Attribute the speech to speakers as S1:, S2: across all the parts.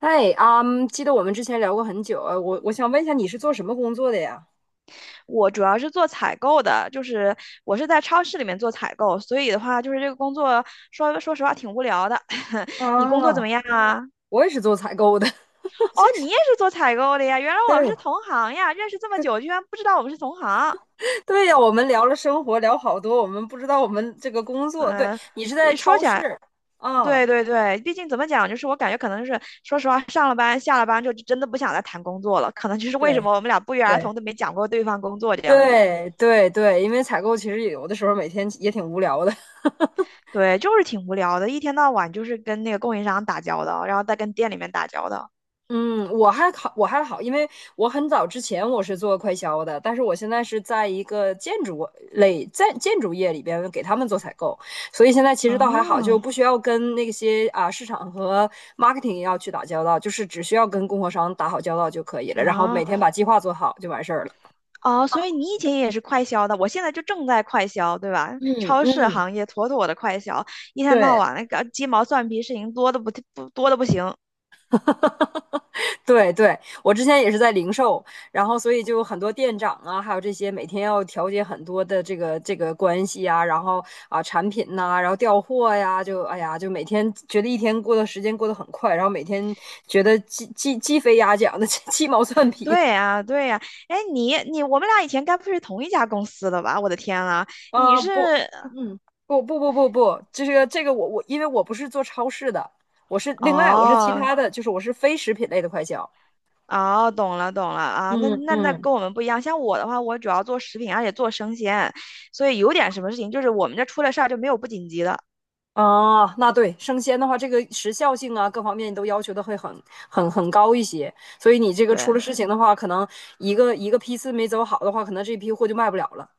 S1: 嗨，啊，记得我们之前聊过很久啊，我想问一下，你是做什么工作的呀？
S2: 我主要是做采购的，就是我是在超市里面做采购，所以的话，就是这个工作说实话挺无聊的。你工作怎么
S1: 啊，
S2: 样啊？
S1: 我也是做采购的。
S2: 哦，你也是做采购的呀？原来我们
S1: 对，
S2: 是同行呀！认识这么久，居然不知道我们是同行。
S1: 对呀，我们聊了生活，聊好多，我们不知道我们这个工作。对，
S2: 嗯，
S1: 你是在
S2: 一说
S1: 超
S2: 起来，
S1: 市啊？
S2: 对对对，毕竟怎么讲，就是我感觉可能是，说实话，上了班下了班就真的不想再谈工作了，可能就是为什
S1: 对，
S2: 么我们俩不约而
S1: 对，
S2: 同的没讲过对方工作这样子。
S1: 对对对，因为采购其实有的时候每天也挺无聊的。
S2: 对，就是挺无聊的，一天到晚就是跟那个供应商打交道，然后再跟店里面打交道。
S1: 嗯，我还好，因为我很早之前我是做快销的，但是我现在是在一个建筑类，在建筑业里边给他们做采购，所以现在其实倒还好，
S2: 啊
S1: 就不需要跟那些啊市场和 marketing 要去打交道，就是只需要跟供货商打好交道就可以了，然后每
S2: 啊
S1: 天把计划做好就完事儿了。
S2: 啊！所以你以前也是快销的，我现在就正在快销，对吧？
S1: 嗯
S2: 超市
S1: 嗯，
S2: 行业妥妥的快销，一天到
S1: 对，
S2: 晚那个鸡毛蒜皮事情多的不行。
S1: 对对，我之前也是在零售，然后所以就很多店长啊，还有这些每天要调节很多的这个关系啊，然后啊产品呐、然后调货呀，就哎呀，就每天觉得一天过的时间过得很快，然后每天觉得鸡飞鸭讲的 鸡毛蒜皮。
S2: 对呀，对呀，哎，你我们俩以前该不是同一家公司的吧？我的天啊，你是。
S1: 不，嗯，不不不不不，这个我因为我不是做超市的，我是另外我是其
S2: 哦，
S1: 他的，就是我是非食品类的快销。
S2: 哦，懂了懂了啊，那
S1: 嗯
S2: 那那
S1: 嗯。
S2: 跟我们不一样。像我的话，我主要做食品，而且做生鲜，所以有点什么事情，就是我们这出了事儿就没有不紧急的。
S1: 哦，那对，生鲜的话，这个时效性啊，各方面都要求的会很高一些，所以你这个出了
S2: 对
S1: 事情的话，可能一个一个批次没走好的话，可能这批货就卖不了了。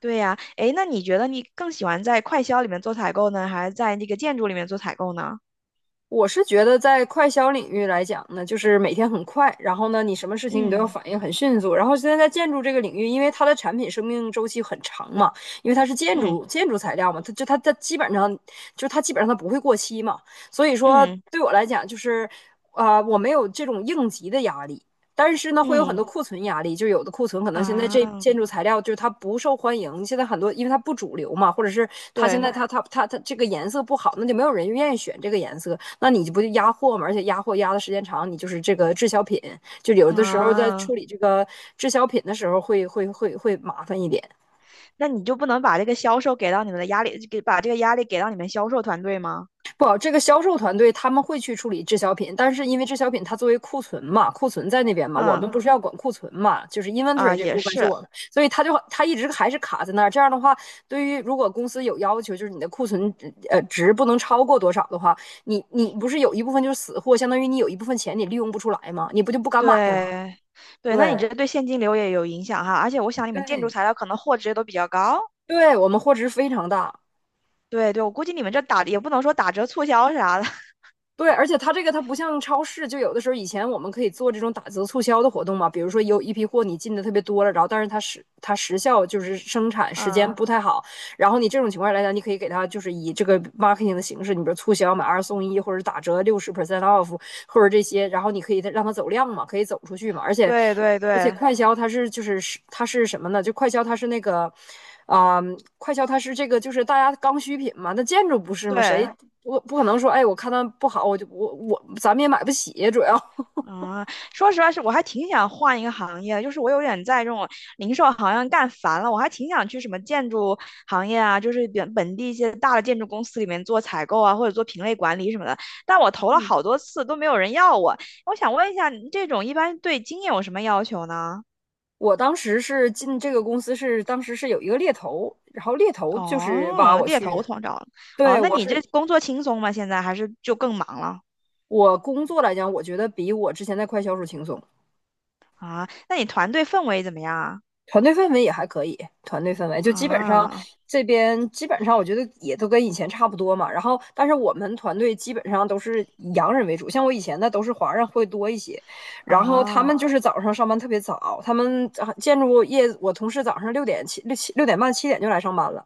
S2: 对呀，诶，那你觉得你更喜欢在快销里面做采购呢，还是在那个建筑里面做采购呢？
S1: 我是觉得在快消领域来讲呢，就是每天很快，然后呢，你什么事情你都要
S2: 嗯
S1: 反应很迅速。然后现在在建筑这个领域，因为它的产品生命周期很长嘛，因为它是建
S2: 嗯
S1: 筑建筑材料嘛，它基本上它不会过期嘛，所以说
S2: 嗯
S1: 对我来讲就是，我没有这种应急的压力。但是呢，会有很多
S2: 嗯。
S1: 库存压力，就有的库存可能现在
S2: 啊，
S1: 这建筑材料就是它不受欢迎，现在很多因为它不主流嘛，或者是它现
S2: 对
S1: 在它这个颜色不好，那就没有人愿意选这个颜色，那你不就压货嘛？而且压货压的时间长，你就是这个滞销品，就有的时候在
S2: 啊，
S1: 处理这个滞销品的时候会麻烦一点。
S2: 那你就不能把这个销售给到你们的压力，给把这个压力给到你们销售团队吗？
S1: 不好，这个销售团队他们会去处理滞销品，但是因为滞销品它作为库存嘛，库存在那边嘛，我
S2: 嗯。
S1: 们不是要管库存嘛，就是
S2: 啊，
S1: inventory 这
S2: 也
S1: 部分是
S2: 是
S1: 我们，所以他一直还是卡在那儿。这样的话，对于如果公司有要求，就是你的库存值不能超过多少的话，你不是有一部分就是死货，相当于你有一部分钱你利用不出来嘛，你不就不敢买嘛？
S2: 对，对，那你
S1: 对。
S2: 这对现金流也有影响哈，而且我想你们建筑
S1: 对
S2: 材料可能货值也都比较高。
S1: 对，我们货值非常大。
S2: 对对，我估计你们这打也不能说打折促销啥的，
S1: 对，而且它这个它不像超市，就有的时候以前我们可以做这种打折促销的活动嘛，比如说有一批货你进的特别多了，然后但是它时它时效就是生产时间
S2: 嗯，
S1: 不太好，然后你这种情况来讲，你可以给他就是以这个 marketing 的形式，你比如促销买二送一，或者打折60% off，或者这些，然后你可以让他走量嘛，可以走出去嘛。而且
S2: 对对
S1: 而且
S2: 对
S1: 快销它是什么呢？就快销它是那个。快销它是这个，就是大家刚需品嘛。那建筑不是吗？
S2: 对，
S1: 我不可能说，哎，我看它不好，我就我我咱们也买不起，主要。
S2: 嗯，说实话是我还挺想换一个行业的，就是我有点在这种零售行业干烦了，我还挺想去什么建筑行业啊，就是本地一些大的建筑公司里面做采购啊，或者做品类管理什么的，但我投了 好多次都没有人要我。我想问一下，你这种一般对经验有什么要求呢？
S1: 我当时是进这个公司是，当时是有一个猎头，然后猎头就是挖
S2: 哦，
S1: 我
S2: 猎
S1: 去
S2: 头
S1: 的。
S2: 通道。哦，
S1: 对，
S2: 那你这工作轻松吗？现在还是就更忙了？
S1: 我工作来讲，我觉得比我之前在快销时轻松。
S2: 那你团队氛围怎么样啊？
S1: 团队氛围也还可以。团队氛围就基本上
S2: 啊
S1: 这边基本上我觉得也都跟以前差不多嘛。然后，但是我们团队基本上都是以洋人为主，像我以前的都是华人会多一些。然后他
S2: 啊！
S1: 们就是早上上班特别早，他们啊建筑业我同事早上6点半7点就来上班了，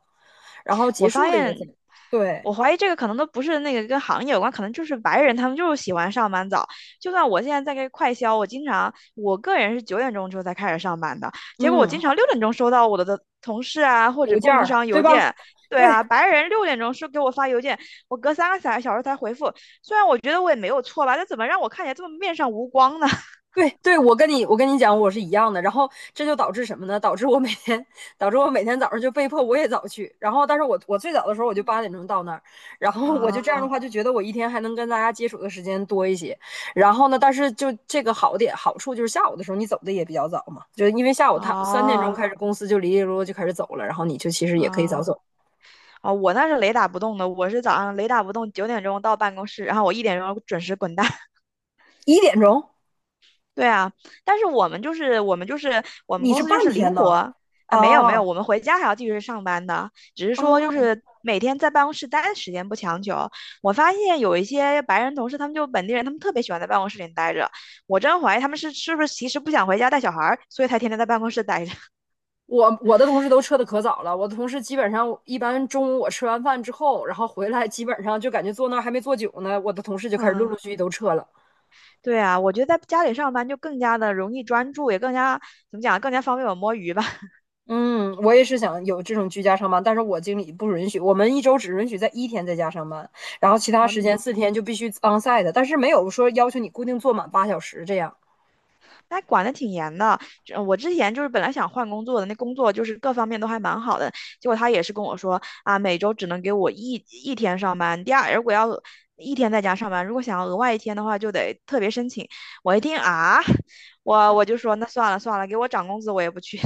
S1: 然后结
S2: 我发
S1: 束的也
S2: 现，
S1: 早。对，
S2: 我怀疑这个可能都不是那个跟行业有关，可能就是白人他们就是喜欢上班早。就算我现在在这快销，我经常我个人是九点钟之后才开始上班的，结果我经
S1: 嗯，
S2: 常六点钟收到我的同事啊或者
S1: 邮件
S2: 供应
S1: 儿
S2: 商
S1: 对
S2: 邮
S1: 吧？
S2: 件。对
S1: 对，
S2: 啊，白人六点钟是给我发邮件，我隔三个小时才回复。虽然我觉得我也没有错吧，但怎么让我看起来这么面上无光呢？
S1: 对对，我跟你讲，我是一样的。然后这就导致什么呢？导致我每天早上就被迫我也早去。然后，但是我最早的时候我就8点钟到那儿，然 后我
S2: 啊，
S1: 就这样的话就觉得我一天还能跟大家接触的时间多一些。然后呢，但是就这个好处就是下午的时候你走的也比较早嘛，就因为下午他3点钟
S2: 啊
S1: 开始公司就里里落落就开始走了，然后你就其实也可以早
S2: 啊。
S1: 走。
S2: 啊，我那是雷打不动的，我是早上雷打不动，九点钟到办公室，然后我1点钟准时滚蛋。
S1: 1点钟，
S2: 对啊，但是我们
S1: 你
S2: 公
S1: 是
S2: 司就
S1: 半
S2: 是
S1: 天
S2: 灵
S1: 呢？
S2: 活。啊，没有没有，
S1: 哦。
S2: 我们回家还要继续上班的，只是说就
S1: 哦。
S2: 是每天在办公室待的时间不强求。我发现有一些白人同事，他们就本地人，他们特别喜欢在办公室里待着，我真怀疑他们是不是其实不想回家带小孩儿，所以才天天在办公室待着。
S1: 我的同事都撤的可早了，我的同事基本上一般中午我吃完饭之后，然后回来基本上就感觉坐那儿还没坐久呢，我的同事就 开始陆
S2: 嗯。
S1: 陆续续都撤了。
S2: 对啊，我觉得在家里上班就更加的容易专注，也更加怎么讲，更加方便我摸鱼吧。
S1: 嗯，我也是想有这种居家上班，但是我经理不允许，我们一周只允许在一天在家上班，然后其他
S2: 哦，
S1: 时间4天就必须 onsite，但是没有说要求你固定坐满8小时这样。
S2: 那管的挺严的。这我之前就是本来想换工作的，那工作就是各方面都还蛮好的，结果他也是跟我说啊，每周只能给我一天上班，第二如果要一天在家上班，如果想要额外一天的话，就得特别申请。我一听啊，我就说那算了算了，给我涨工资我也不去。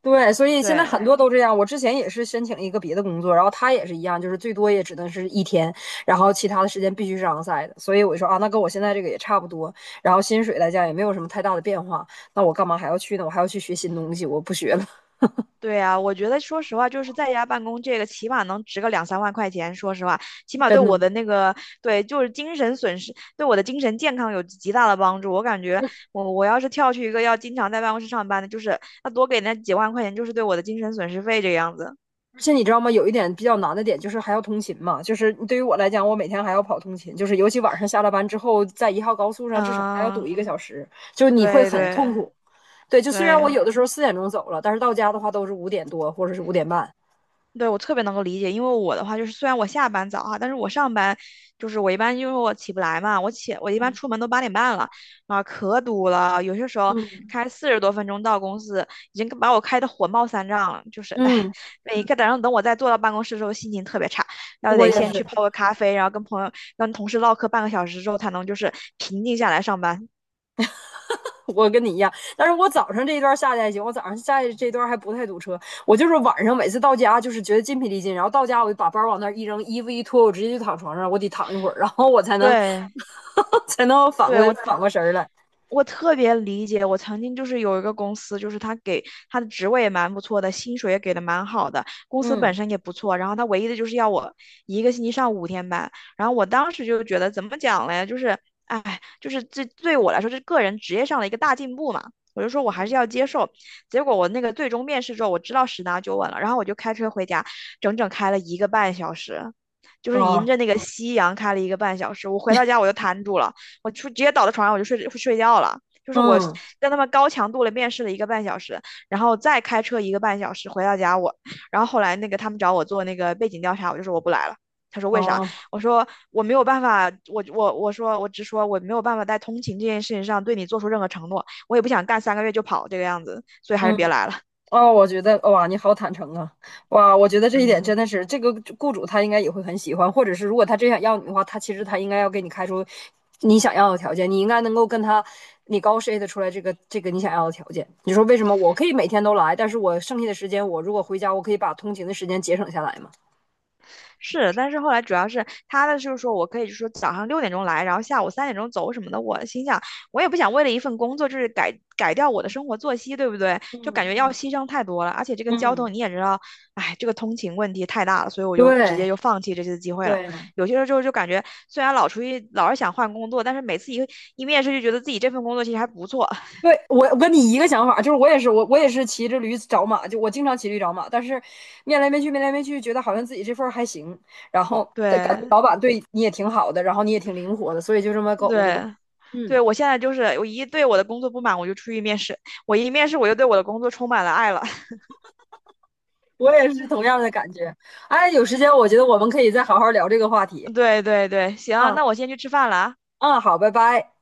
S1: 对，所 以现在
S2: 对，
S1: 很多都这样。我之前也是申请一个别的工作，然后他也是一样，就是最多也只能是一天，然后其他的时间必须是 onsite 的。所以我就说啊，那跟我现在这个也差不多，然后薪水来讲也没有什么太大的变化，那我干嘛还要去呢？我还要去学新东西，我不学了。
S2: 对啊，我觉得说实话，就是在家办公这个，起码能值个两三万块钱。说实话，起 码对
S1: 真的。
S2: 我的那个，对，就是精神损失，对我的精神健康有极大的帮助。我感觉我要是跳去一个要经常在办公室上班的，就是那多给那几万块钱，就是对我的精神损失费这个样子。
S1: 而且你知道吗？有一点比较难的点就是还要通勤嘛，就是对于我来讲，我每天还要跑通勤，就是尤其晚上下了班之后，在1号高速上至少还要堵
S2: 嗯，
S1: 1个小时，就是你会
S2: 对
S1: 很痛
S2: 对
S1: 苦。对，就虽然我
S2: 对，
S1: 有的时候4点钟走了，但是到家的话都是5点多或者是5点半。
S2: 对，我特别能够理解，因为我的话就是，虽然我下班早哈，但是我上班就是我一般因为我起不来嘛，我一般出门都8点半了，啊，可堵了，有些时候
S1: 嗯
S2: 开40多分钟到公司，已经把我开的火冒三丈了，就是哎，
S1: 嗯，
S2: 每个早上等我再坐到办公室的时候，心情特别差，那
S1: 我
S2: 得
S1: 也
S2: 先
S1: 是。
S2: 去泡个咖啡，然后跟朋友跟同事唠嗑半个小时之后，才能就是平静下来上班。
S1: 我跟你一样，但是我早上这一段下去还行，我早上下去这段还不太堵车。我就是晚上每次到家就是觉得筋疲力尽，然后到家我就把包往那儿一扔，衣服一脱，我直接就躺床上，我得躺一会儿，然后我才能
S2: 对，
S1: 才能反过
S2: 对，我
S1: 反过神儿来。
S2: 我特别理解，我曾经就是有一个公司，就是他的职位也蛮不错的，薪水也给的蛮好的，公司本
S1: 嗯
S2: 身也不错，然后他唯一的就是要我一个星期上5天班，然后我当时就觉得怎么讲嘞，就是，哎，就是这对我来说是个人职业上的一个大进步嘛，我就说我还是要接受。结果我那个最终面试之后，我知道十拿九稳了，然后我就开车回家，整整开了一个半小时，就是迎
S1: 啊
S2: 着那个夕阳开了一个半小时，我回到家我就瘫住了。直接倒在床上我就睡觉了。就是我
S1: 嗯
S2: 跟他们高强度的面试了一个半小时，然后再开车一个半小时回到家我，然后后来那个他们找我做那个背景调查，我就说我不来了。他说为啥？
S1: 啊
S2: 我说我没有办法，我直说我没有办法在通勤这件事情上对你做出任何承诺，我也不想干3个月就跑这个样子，所以还是
S1: 嗯
S2: 别来了。
S1: 哦，我觉得哇，你好坦诚啊！哇，我觉得这一点真
S2: 嗯。
S1: 的是这个雇主他应该也会很喜欢，或者是如果他真想要你的话，他其实他应该要给你开出你想要的条件，你应该能够跟他你高 SHT 出来这个你想要的条件。你说为什么我可以每天都来，但是我剩下的时间，我如果回家，我可以把通勤的时间节省下来嘛？
S2: 是，但是后来主要是他的就是说我可以就说早上六点钟来，然后下午3点钟走什么的。我心想，我也不想为了一份工作就是改掉我的生活作息，对不对？
S1: 嗯
S2: 就感觉要
S1: 嗯
S2: 牺牲太多了，而且这个交通
S1: 嗯，
S2: 你也知道，哎，这个通勤问题太大了，所以我就直
S1: 对
S2: 接就放弃这次机会了。
S1: 对，
S2: 有些时候就感觉虽然老出去老是想换工作，但是每次一面试就觉得自己这份工作其实还不错。
S1: 对，我跟你一个想法，就是我也是骑着驴找马，就我经常骑驴找马，但是面来面去面来面去，觉得好像自己这份儿还行，然后感觉
S2: 对
S1: 老板对你也挺好的，然后你也挺灵活的，所以就这么苟着吧。
S2: 对对，
S1: 嗯，
S2: 我现在就是我一对我的工作不满，我就出去面试；我一面试我就对我的工作充满了爱了。
S1: 我也是同样的感觉。哎，有时间我觉得我们可以再好好聊这个话题。
S2: 对对对，行，
S1: 啊
S2: 那我先去吃饭了啊。
S1: 啊，好，拜拜。